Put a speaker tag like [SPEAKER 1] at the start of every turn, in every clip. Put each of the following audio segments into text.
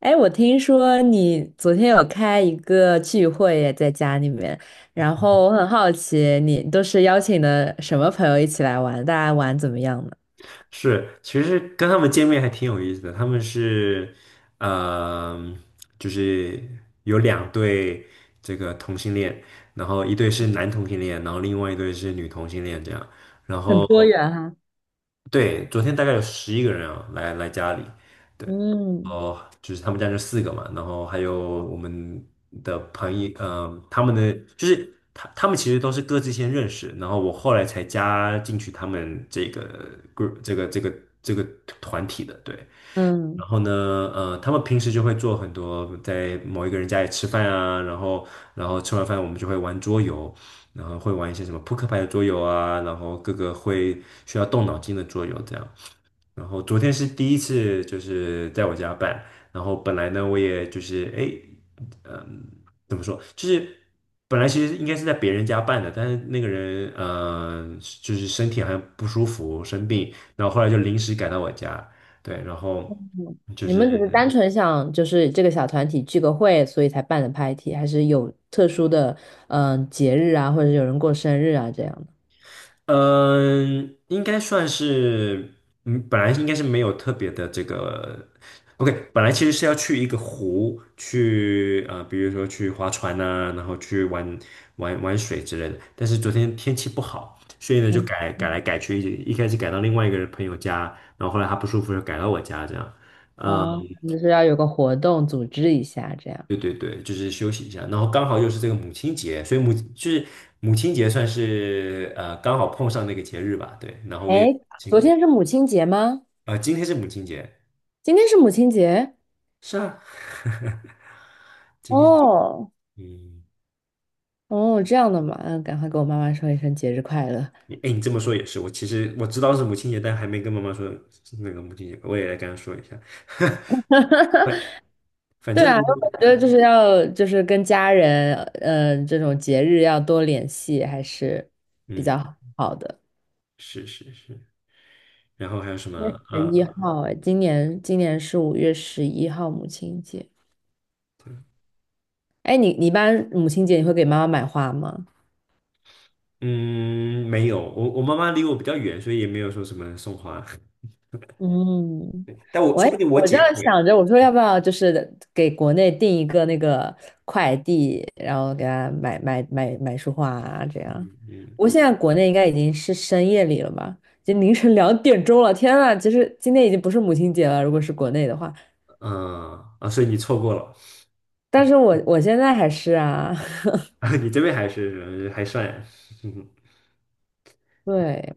[SPEAKER 1] 哎，我听说你昨天有开一个聚会耶在家里面，然后我很好奇，你都是邀请的什么朋友一起来玩？大家玩怎么样呢？
[SPEAKER 2] 是，其实跟他们见面还挺有意思的。他们是，嗯、就是有两对这个同性恋，然后一对是男同性恋，然后另外一对是女同性恋这样。然
[SPEAKER 1] 很
[SPEAKER 2] 后
[SPEAKER 1] 多元哈。
[SPEAKER 2] 对，昨天大概有11个人啊，来家里，对，然
[SPEAKER 1] 嗯
[SPEAKER 2] 后就是他们家就四个嘛，然后还有我们的朋友，他们的就是他们其实都是各自先认识，然后我后来才加进去他们这个 group 这个团体的，对，
[SPEAKER 1] 嗯，
[SPEAKER 2] 然后呢，他们平时就会做很多，在某一个人家里吃饭啊，然后吃完饭我们就会玩桌游，然后会玩一些什么扑克牌的桌游啊，然后各个会需要动脑筋的桌游这样。然后昨天是第一次，就是在我家办。然后本来呢，我也就是哎，嗯，怎么说？就是本来其实应该是在别人家办的，但是那个人就是身体好像不舒服，生病，然后后来就临时改到我家。对，然后就
[SPEAKER 1] 你们只
[SPEAKER 2] 是。
[SPEAKER 1] 是单纯想就是这个小团体聚个会，所以才办的 party，还是有特殊的节日啊，或者有人过生日啊这样的？
[SPEAKER 2] 嗯，应该算是，本来应该是没有特别的这个，OK，本来其实是要去一个湖去，比如说去划船呐、然后去玩水之类的。但是昨天天气不好，所以呢就
[SPEAKER 1] 嗯
[SPEAKER 2] 改来改去，一开始改到另外一个朋友家，然后后来他不舒服就改到我家这样。嗯，
[SPEAKER 1] 啊，就是要有个活动组织一下这样。
[SPEAKER 2] 对对对，就是休息一下，然后刚好又是这个母亲节，所以母亲节算是刚好碰上那个节日吧，对，然后我也。
[SPEAKER 1] 哎，昨
[SPEAKER 2] 请。
[SPEAKER 1] 天是母亲节吗？
[SPEAKER 2] 啊，今天是母亲节，
[SPEAKER 1] 今天是母亲节？
[SPEAKER 2] 是啊，今天，
[SPEAKER 1] 哦
[SPEAKER 2] 嗯，
[SPEAKER 1] 哦，这样的嘛，嗯，赶快给我妈妈说一声节日快乐。
[SPEAKER 2] 你你这么说也是，我其实知道是母亲节，但还没跟妈妈说是那个母亲节，我也来跟她说一下。反反
[SPEAKER 1] 对
[SPEAKER 2] 正呢，
[SPEAKER 1] 啊，我觉得就是要就是跟家人，这种节日要多联系，还是比
[SPEAKER 2] 嗯，
[SPEAKER 1] 较好的。
[SPEAKER 2] 是是是，然后还有什么？
[SPEAKER 1] 十一
[SPEAKER 2] 呃，
[SPEAKER 1] 号，哎，今年是5月11号母亲节。哎，你一般母亲节你会给妈妈买花吗？
[SPEAKER 2] 嗯，没有，我妈妈离我比较远，所以也没有说什么送花，
[SPEAKER 1] 嗯，
[SPEAKER 2] 但我
[SPEAKER 1] 我
[SPEAKER 2] 说不
[SPEAKER 1] 也
[SPEAKER 2] 定我
[SPEAKER 1] 我这
[SPEAKER 2] 姐
[SPEAKER 1] 样想
[SPEAKER 2] 会，
[SPEAKER 1] 着，我说要不要就是给国内订一个那个快递，然后给他买束花啊，这样。
[SPEAKER 2] 嗯嗯
[SPEAKER 1] 不过现在国内应该已经是深夜里了吧，已经凌晨2点钟了。天呐，其实今天已经不是母亲节了，如果是国内的话，
[SPEAKER 2] 嗯啊，所以你错过了，
[SPEAKER 1] 但是我现在还是啊，
[SPEAKER 2] 你这边还是还算，
[SPEAKER 1] 对，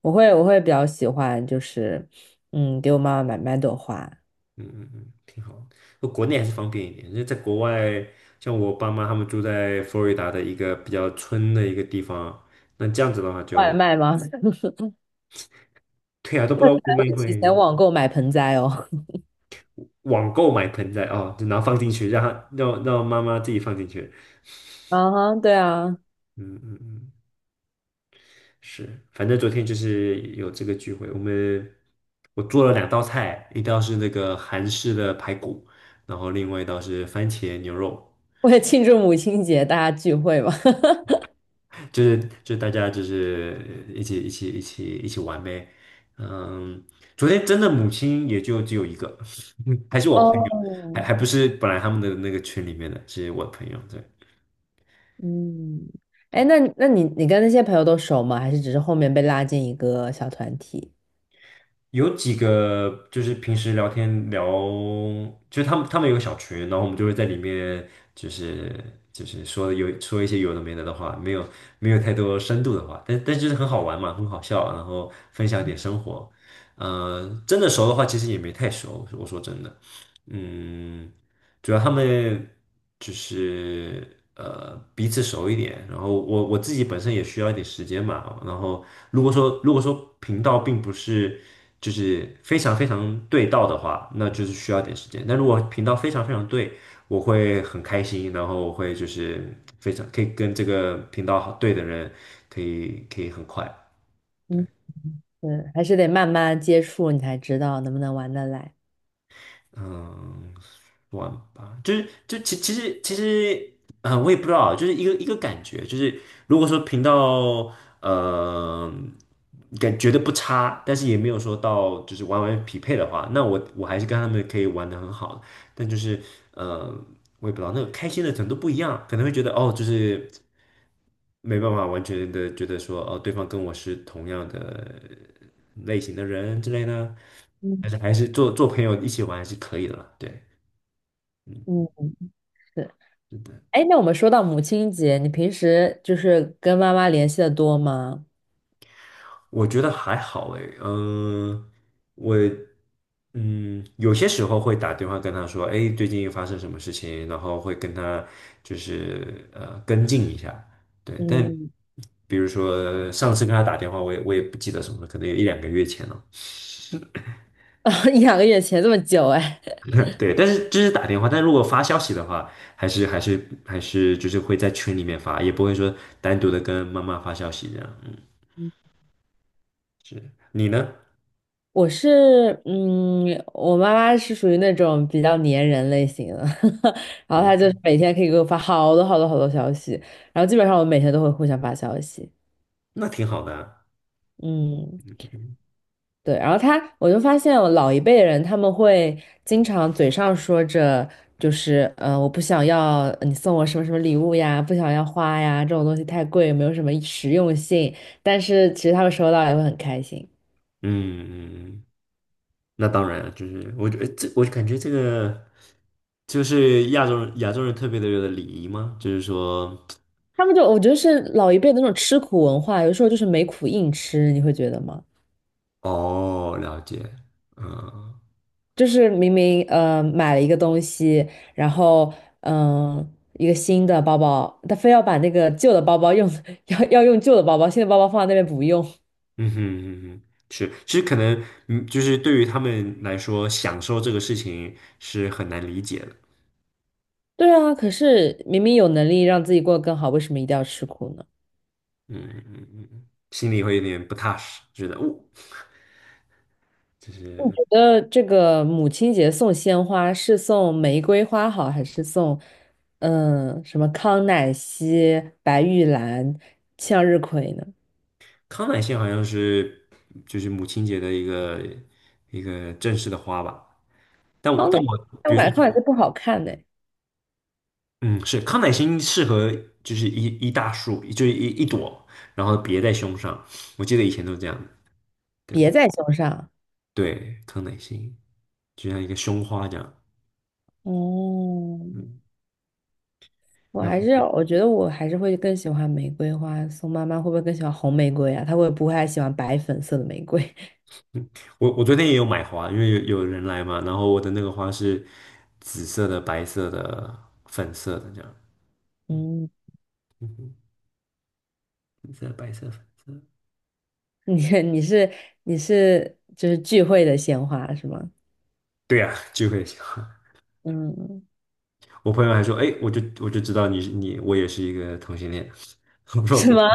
[SPEAKER 1] 我会比较喜欢就是，嗯，给我妈妈买朵花。
[SPEAKER 2] 嗯嗯嗯，挺好。那国内还是方便一点，因为在国外，像我爸妈他们住在佛罗里达的一个比较村的一个地方，那这样子的话
[SPEAKER 1] 外
[SPEAKER 2] 就，
[SPEAKER 1] 卖吗？
[SPEAKER 2] 对啊，都不知道外
[SPEAKER 1] 会
[SPEAKER 2] 卖
[SPEAKER 1] 提
[SPEAKER 2] 会
[SPEAKER 1] 前网购买盆栽哦。
[SPEAKER 2] 网购买盆栽哦，就然后放进去，让他让让妈妈自己放进去。
[SPEAKER 1] 啊哈，对啊。
[SPEAKER 2] 嗯嗯嗯，是，反正昨天就是有这个聚会，我做了两道菜，一道是那个韩式的排骨，然后另外一道是番茄牛肉。
[SPEAKER 1] 为了庆祝母亲节，大家聚会嘛。
[SPEAKER 2] 就是就是大家就是一起玩呗。嗯，昨天真的母亲也就只有一个，还是我朋友，还
[SPEAKER 1] 哦，
[SPEAKER 2] 还不是本来他们的那个群里面的，是我朋友。对。
[SPEAKER 1] 嗯，哎，那你跟那些朋友都熟吗？还是只是后面被拉进一个小团体？
[SPEAKER 2] 有几个就是平时聊天聊，就是他们有个小群，然后我们就会在里面就是就是说有说一些有的没的的话，没有太多深度的话，但就是很好玩嘛，很好笑，然后分享一点生活。真的熟的话，其实也没太熟，我说真的，嗯。主要他们就是彼此熟一点，然后我自己本身也需要一点时间嘛，然后如果说频道并不是就是非常非常对到的话，那就是需要点时间。但如果频道非常非常对，我会很开心，然后我会就是非常可以跟这个频道好对的人可以很快。对。
[SPEAKER 1] 嗯嗯，还是得慢慢接触，你才知道能不能玩得来。
[SPEAKER 2] 嗯，玩吧，就是就其其实其实，我也不知道啊，就是一个一个感觉，就是如果说频道呃感觉得不差，但是也没有说到就是匹配的话，那我还是跟他们可以玩的很好，但就是呃，我也不知道那个开心的程度不一样，可能会觉得哦，就是没办法完全的觉得说哦，对方跟我是同样的类型的人之类的，
[SPEAKER 1] 嗯
[SPEAKER 2] 但是还是做做朋友一起玩还是可以的啦，对。
[SPEAKER 1] 嗯，是，哎，那我们说到母亲节，你平时就是跟妈妈联系的多吗？
[SPEAKER 2] 我觉得还好诶，我有些时候会打电话跟他说，哎，最近发生什么事情，然后会跟他就是跟进一下，对，但
[SPEAKER 1] 嗯，
[SPEAKER 2] 比如说上次跟他打电话，我也不记得什么了，可能有一两个月前了，
[SPEAKER 1] 一两个月前这么久，哎。
[SPEAKER 2] 对，但是这是打电话，但如果发消息的话，还是就是会在群里面发，也不会说单独的跟妈妈发消息这样，嗯，是你呢？
[SPEAKER 1] 我是，我妈妈是属于那种比较粘人类型的，然后
[SPEAKER 2] 哦，
[SPEAKER 1] 她就是每天可以给我发好多好多好多消息，然后基本上我每天都会互相发消息，
[SPEAKER 2] 那挺好的啊
[SPEAKER 1] 嗯，对，然后她，我就发现我老一辈人他们会经常嘴上说着就是，我不想要你送我什么什么礼物呀，不想要花呀，这种东西太贵，没有什么实用性，但是其实他们收到也会很开心。
[SPEAKER 2] 嗯嗯嗯。那当然了，就是我觉得这，我感觉这个就是亚洲人特别的有的礼仪吗？就是说，
[SPEAKER 1] 他们就我觉得是老一辈的那种吃苦文化，有时候就是没苦硬吃，你会觉得吗？
[SPEAKER 2] 哦，了解，嗯
[SPEAKER 1] 就是明明买了一个东西，然后嗯、呃一个新的包包，他非要把那个旧的包包用 要用旧的包包，新的包包放在那边不用。
[SPEAKER 2] 嗯哼嗯哼，是，其实可能就是对于他们来说，享受这个事情是很难理解的，
[SPEAKER 1] 对啊，可是明明有能力让自己过得更好，为什么一定要吃苦呢？
[SPEAKER 2] 嗯嗯嗯，心里会有点不踏实，觉得哦，
[SPEAKER 1] 你觉得这个母亲节送鲜花是送玫瑰花好，还是送什么康乃馨、白玉兰、向日葵呢？
[SPEAKER 2] 康乃馨好像是就是母亲节的一个正式的花吧，但我
[SPEAKER 1] 康
[SPEAKER 2] 但
[SPEAKER 1] 乃，
[SPEAKER 2] 我
[SPEAKER 1] 但
[SPEAKER 2] 比
[SPEAKER 1] 我
[SPEAKER 2] 如
[SPEAKER 1] 感觉康乃
[SPEAKER 2] 说。
[SPEAKER 1] 馨不好看呢，
[SPEAKER 2] 嗯，是康乃馨适合就是一大束，就是一朵，然后别在胸上。我记得以前都这样的，对不
[SPEAKER 1] 别
[SPEAKER 2] 对？
[SPEAKER 1] 在胸上。
[SPEAKER 2] 对，康乃馨就像一个胸花这样。
[SPEAKER 1] 哦，
[SPEAKER 2] 嗯，然后
[SPEAKER 1] 我觉得我还是会更喜欢玫瑰花。宋妈妈会不会更喜欢红玫瑰啊？她会不会还喜欢白粉色的玫瑰？
[SPEAKER 2] 我昨天也有买花，因为有人来嘛，然后我的那个花是紫色的、白色的、粉色的这样。嗯
[SPEAKER 1] 嗯，
[SPEAKER 2] 嗯哼，紫色、白色、粉色。
[SPEAKER 1] 你你是你是就是聚会的鲜花是吗？
[SPEAKER 2] 对呀、聚会喜欢。
[SPEAKER 1] 嗯，
[SPEAKER 2] 我朋友还说，哎，我就知道你是你，我也是一个同性恋。我
[SPEAKER 1] 是
[SPEAKER 2] 说
[SPEAKER 1] 吗？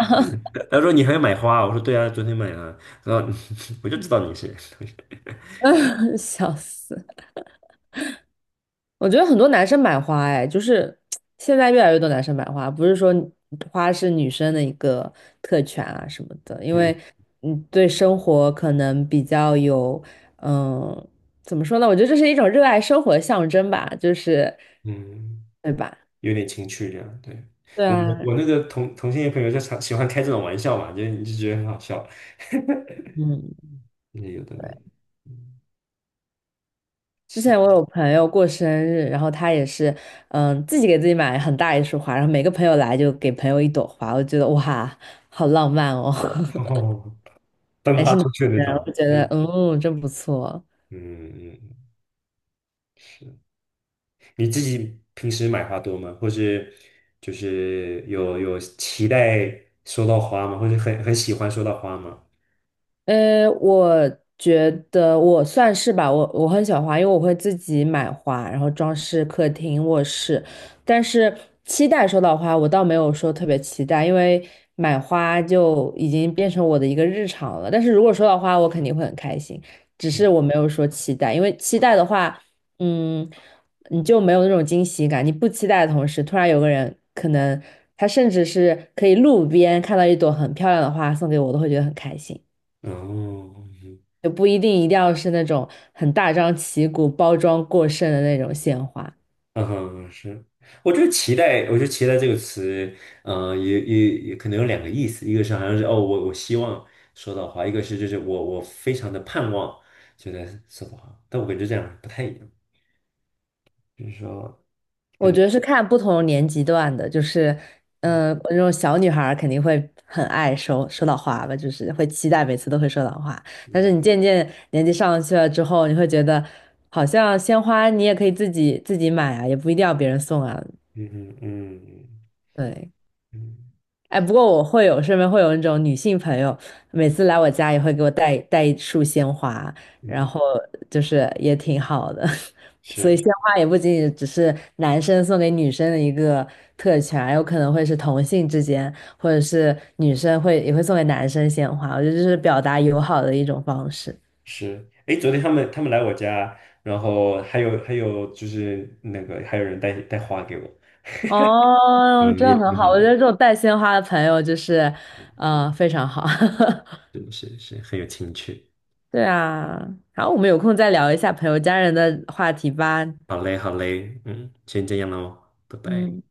[SPEAKER 2] 他说你还要买花啊我说对啊，昨天买了。然后 我就知道你是，
[SPEAKER 1] 笑死。我觉得很多男生买花，哎，就是现在越来越多男生买花，不是说花是女生的一个特权啊什么的，因为
[SPEAKER 2] 嗯
[SPEAKER 1] 对生活可能比较有，嗯，怎么说呢？我觉得这是一种热爱生活的象征吧，就是，
[SPEAKER 2] 嗯，
[SPEAKER 1] 对吧？
[SPEAKER 2] 有点情趣这样。对，
[SPEAKER 1] 对
[SPEAKER 2] 我我
[SPEAKER 1] 啊，
[SPEAKER 2] 我那个同性恋朋友就常喜欢开这种玩笑嘛，就你就觉得很好笑，
[SPEAKER 1] 嗯，
[SPEAKER 2] 那有的没
[SPEAKER 1] 对。
[SPEAKER 2] 的，嗯，
[SPEAKER 1] 之
[SPEAKER 2] 行，
[SPEAKER 1] 前我有朋友过生日，然后他也是，嗯，自己给自己买很大一束花，然后每个朋友来就给朋友一朵花，我觉得哇，好浪漫哦。
[SPEAKER 2] 哦，分
[SPEAKER 1] 还
[SPEAKER 2] 发
[SPEAKER 1] 是男
[SPEAKER 2] 出去那
[SPEAKER 1] 的，
[SPEAKER 2] 种，
[SPEAKER 1] 我觉得，
[SPEAKER 2] 嗯
[SPEAKER 1] 嗯，真不错。
[SPEAKER 2] 嗯嗯，是。你自己平时买花多吗？或是就是有期待收到花吗？或者很喜欢收到花吗？
[SPEAKER 1] 我觉得我算是吧，我很喜欢花，因为我会自己买花，然后装饰客厅、卧室。但是期待收到花，我倒没有说特别期待，因为买花就已经变成我的一个日常了。但是如果收到花，我肯定会很开心，只是我没有说期待，因为期待的话，嗯，你就没有那种惊喜感。你不期待的同时，突然有个人可能他甚至是可以路边看到一朵很漂亮的花送给我，我都会觉得很开心。
[SPEAKER 2] 哦，嗯
[SPEAKER 1] 也不一定一定要是那种很大张旗鼓、包装过剩的那种鲜花。
[SPEAKER 2] 嗯哼，是，我觉得期待，我觉得期待这个词，也可能有两个意思，一个是好像是哦，我希望说到话，一个是就是我非常的盼望觉在说到话，但我感觉这样不太一样，就是说，可
[SPEAKER 1] 我
[SPEAKER 2] 能，
[SPEAKER 1] 觉得是看不同年级段的，就是，
[SPEAKER 2] 嗯
[SPEAKER 1] 那种小女孩儿肯定会很爱收到花吧，就是会期待每次都会收到花。但是
[SPEAKER 2] 嗯
[SPEAKER 1] 你渐渐年纪上去了之后，你会觉得好像鲜花你也可以自己买啊，也不一定要别人送啊。
[SPEAKER 2] 嗯嗯
[SPEAKER 1] 对，
[SPEAKER 2] 嗯
[SPEAKER 1] 哎，不过我会有身边会有那种女性朋友，每次来我家也会给我带一束鲜花，然
[SPEAKER 2] 嗯，
[SPEAKER 1] 后就是也挺好的。所以
[SPEAKER 2] 是
[SPEAKER 1] 鲜花也不仅仅只是男生送给女生的一个特权，有可能会是同性之间，或者是女生会也会送给男生鲜花。我觉得这是表达友好的一种方式。
[SPEAKER 2] 是，哎，昨天他们来我家，然后还有就是那个还有人带带花给我，
[SPEAKER 1] 哦，
[SPEAKER 2] 嗯，
[SPEAKER 1] 真
[SPEAKER 2] 也
[SPEAKER 1] 的
[SPEAKER 2] 挺
[SPEAKER 1] 很好，
[SPEAKER 2] 好
[SPEAKER 1] 我
[SPEAKER 2] 的，
[SPEAKER 1] 觉得这种带鲜花的朋友就是，非常好。
[SPEAKER 2] 是是是很有情趣。
[SPEAKER 1] 对啊，好，我们有空再聊一下朋友家人的话题吧。
[SPEAKER 2] 好嘞，好嘞，嗯，先这样喽，拜拜。
[SPEAKER 1] 嗯。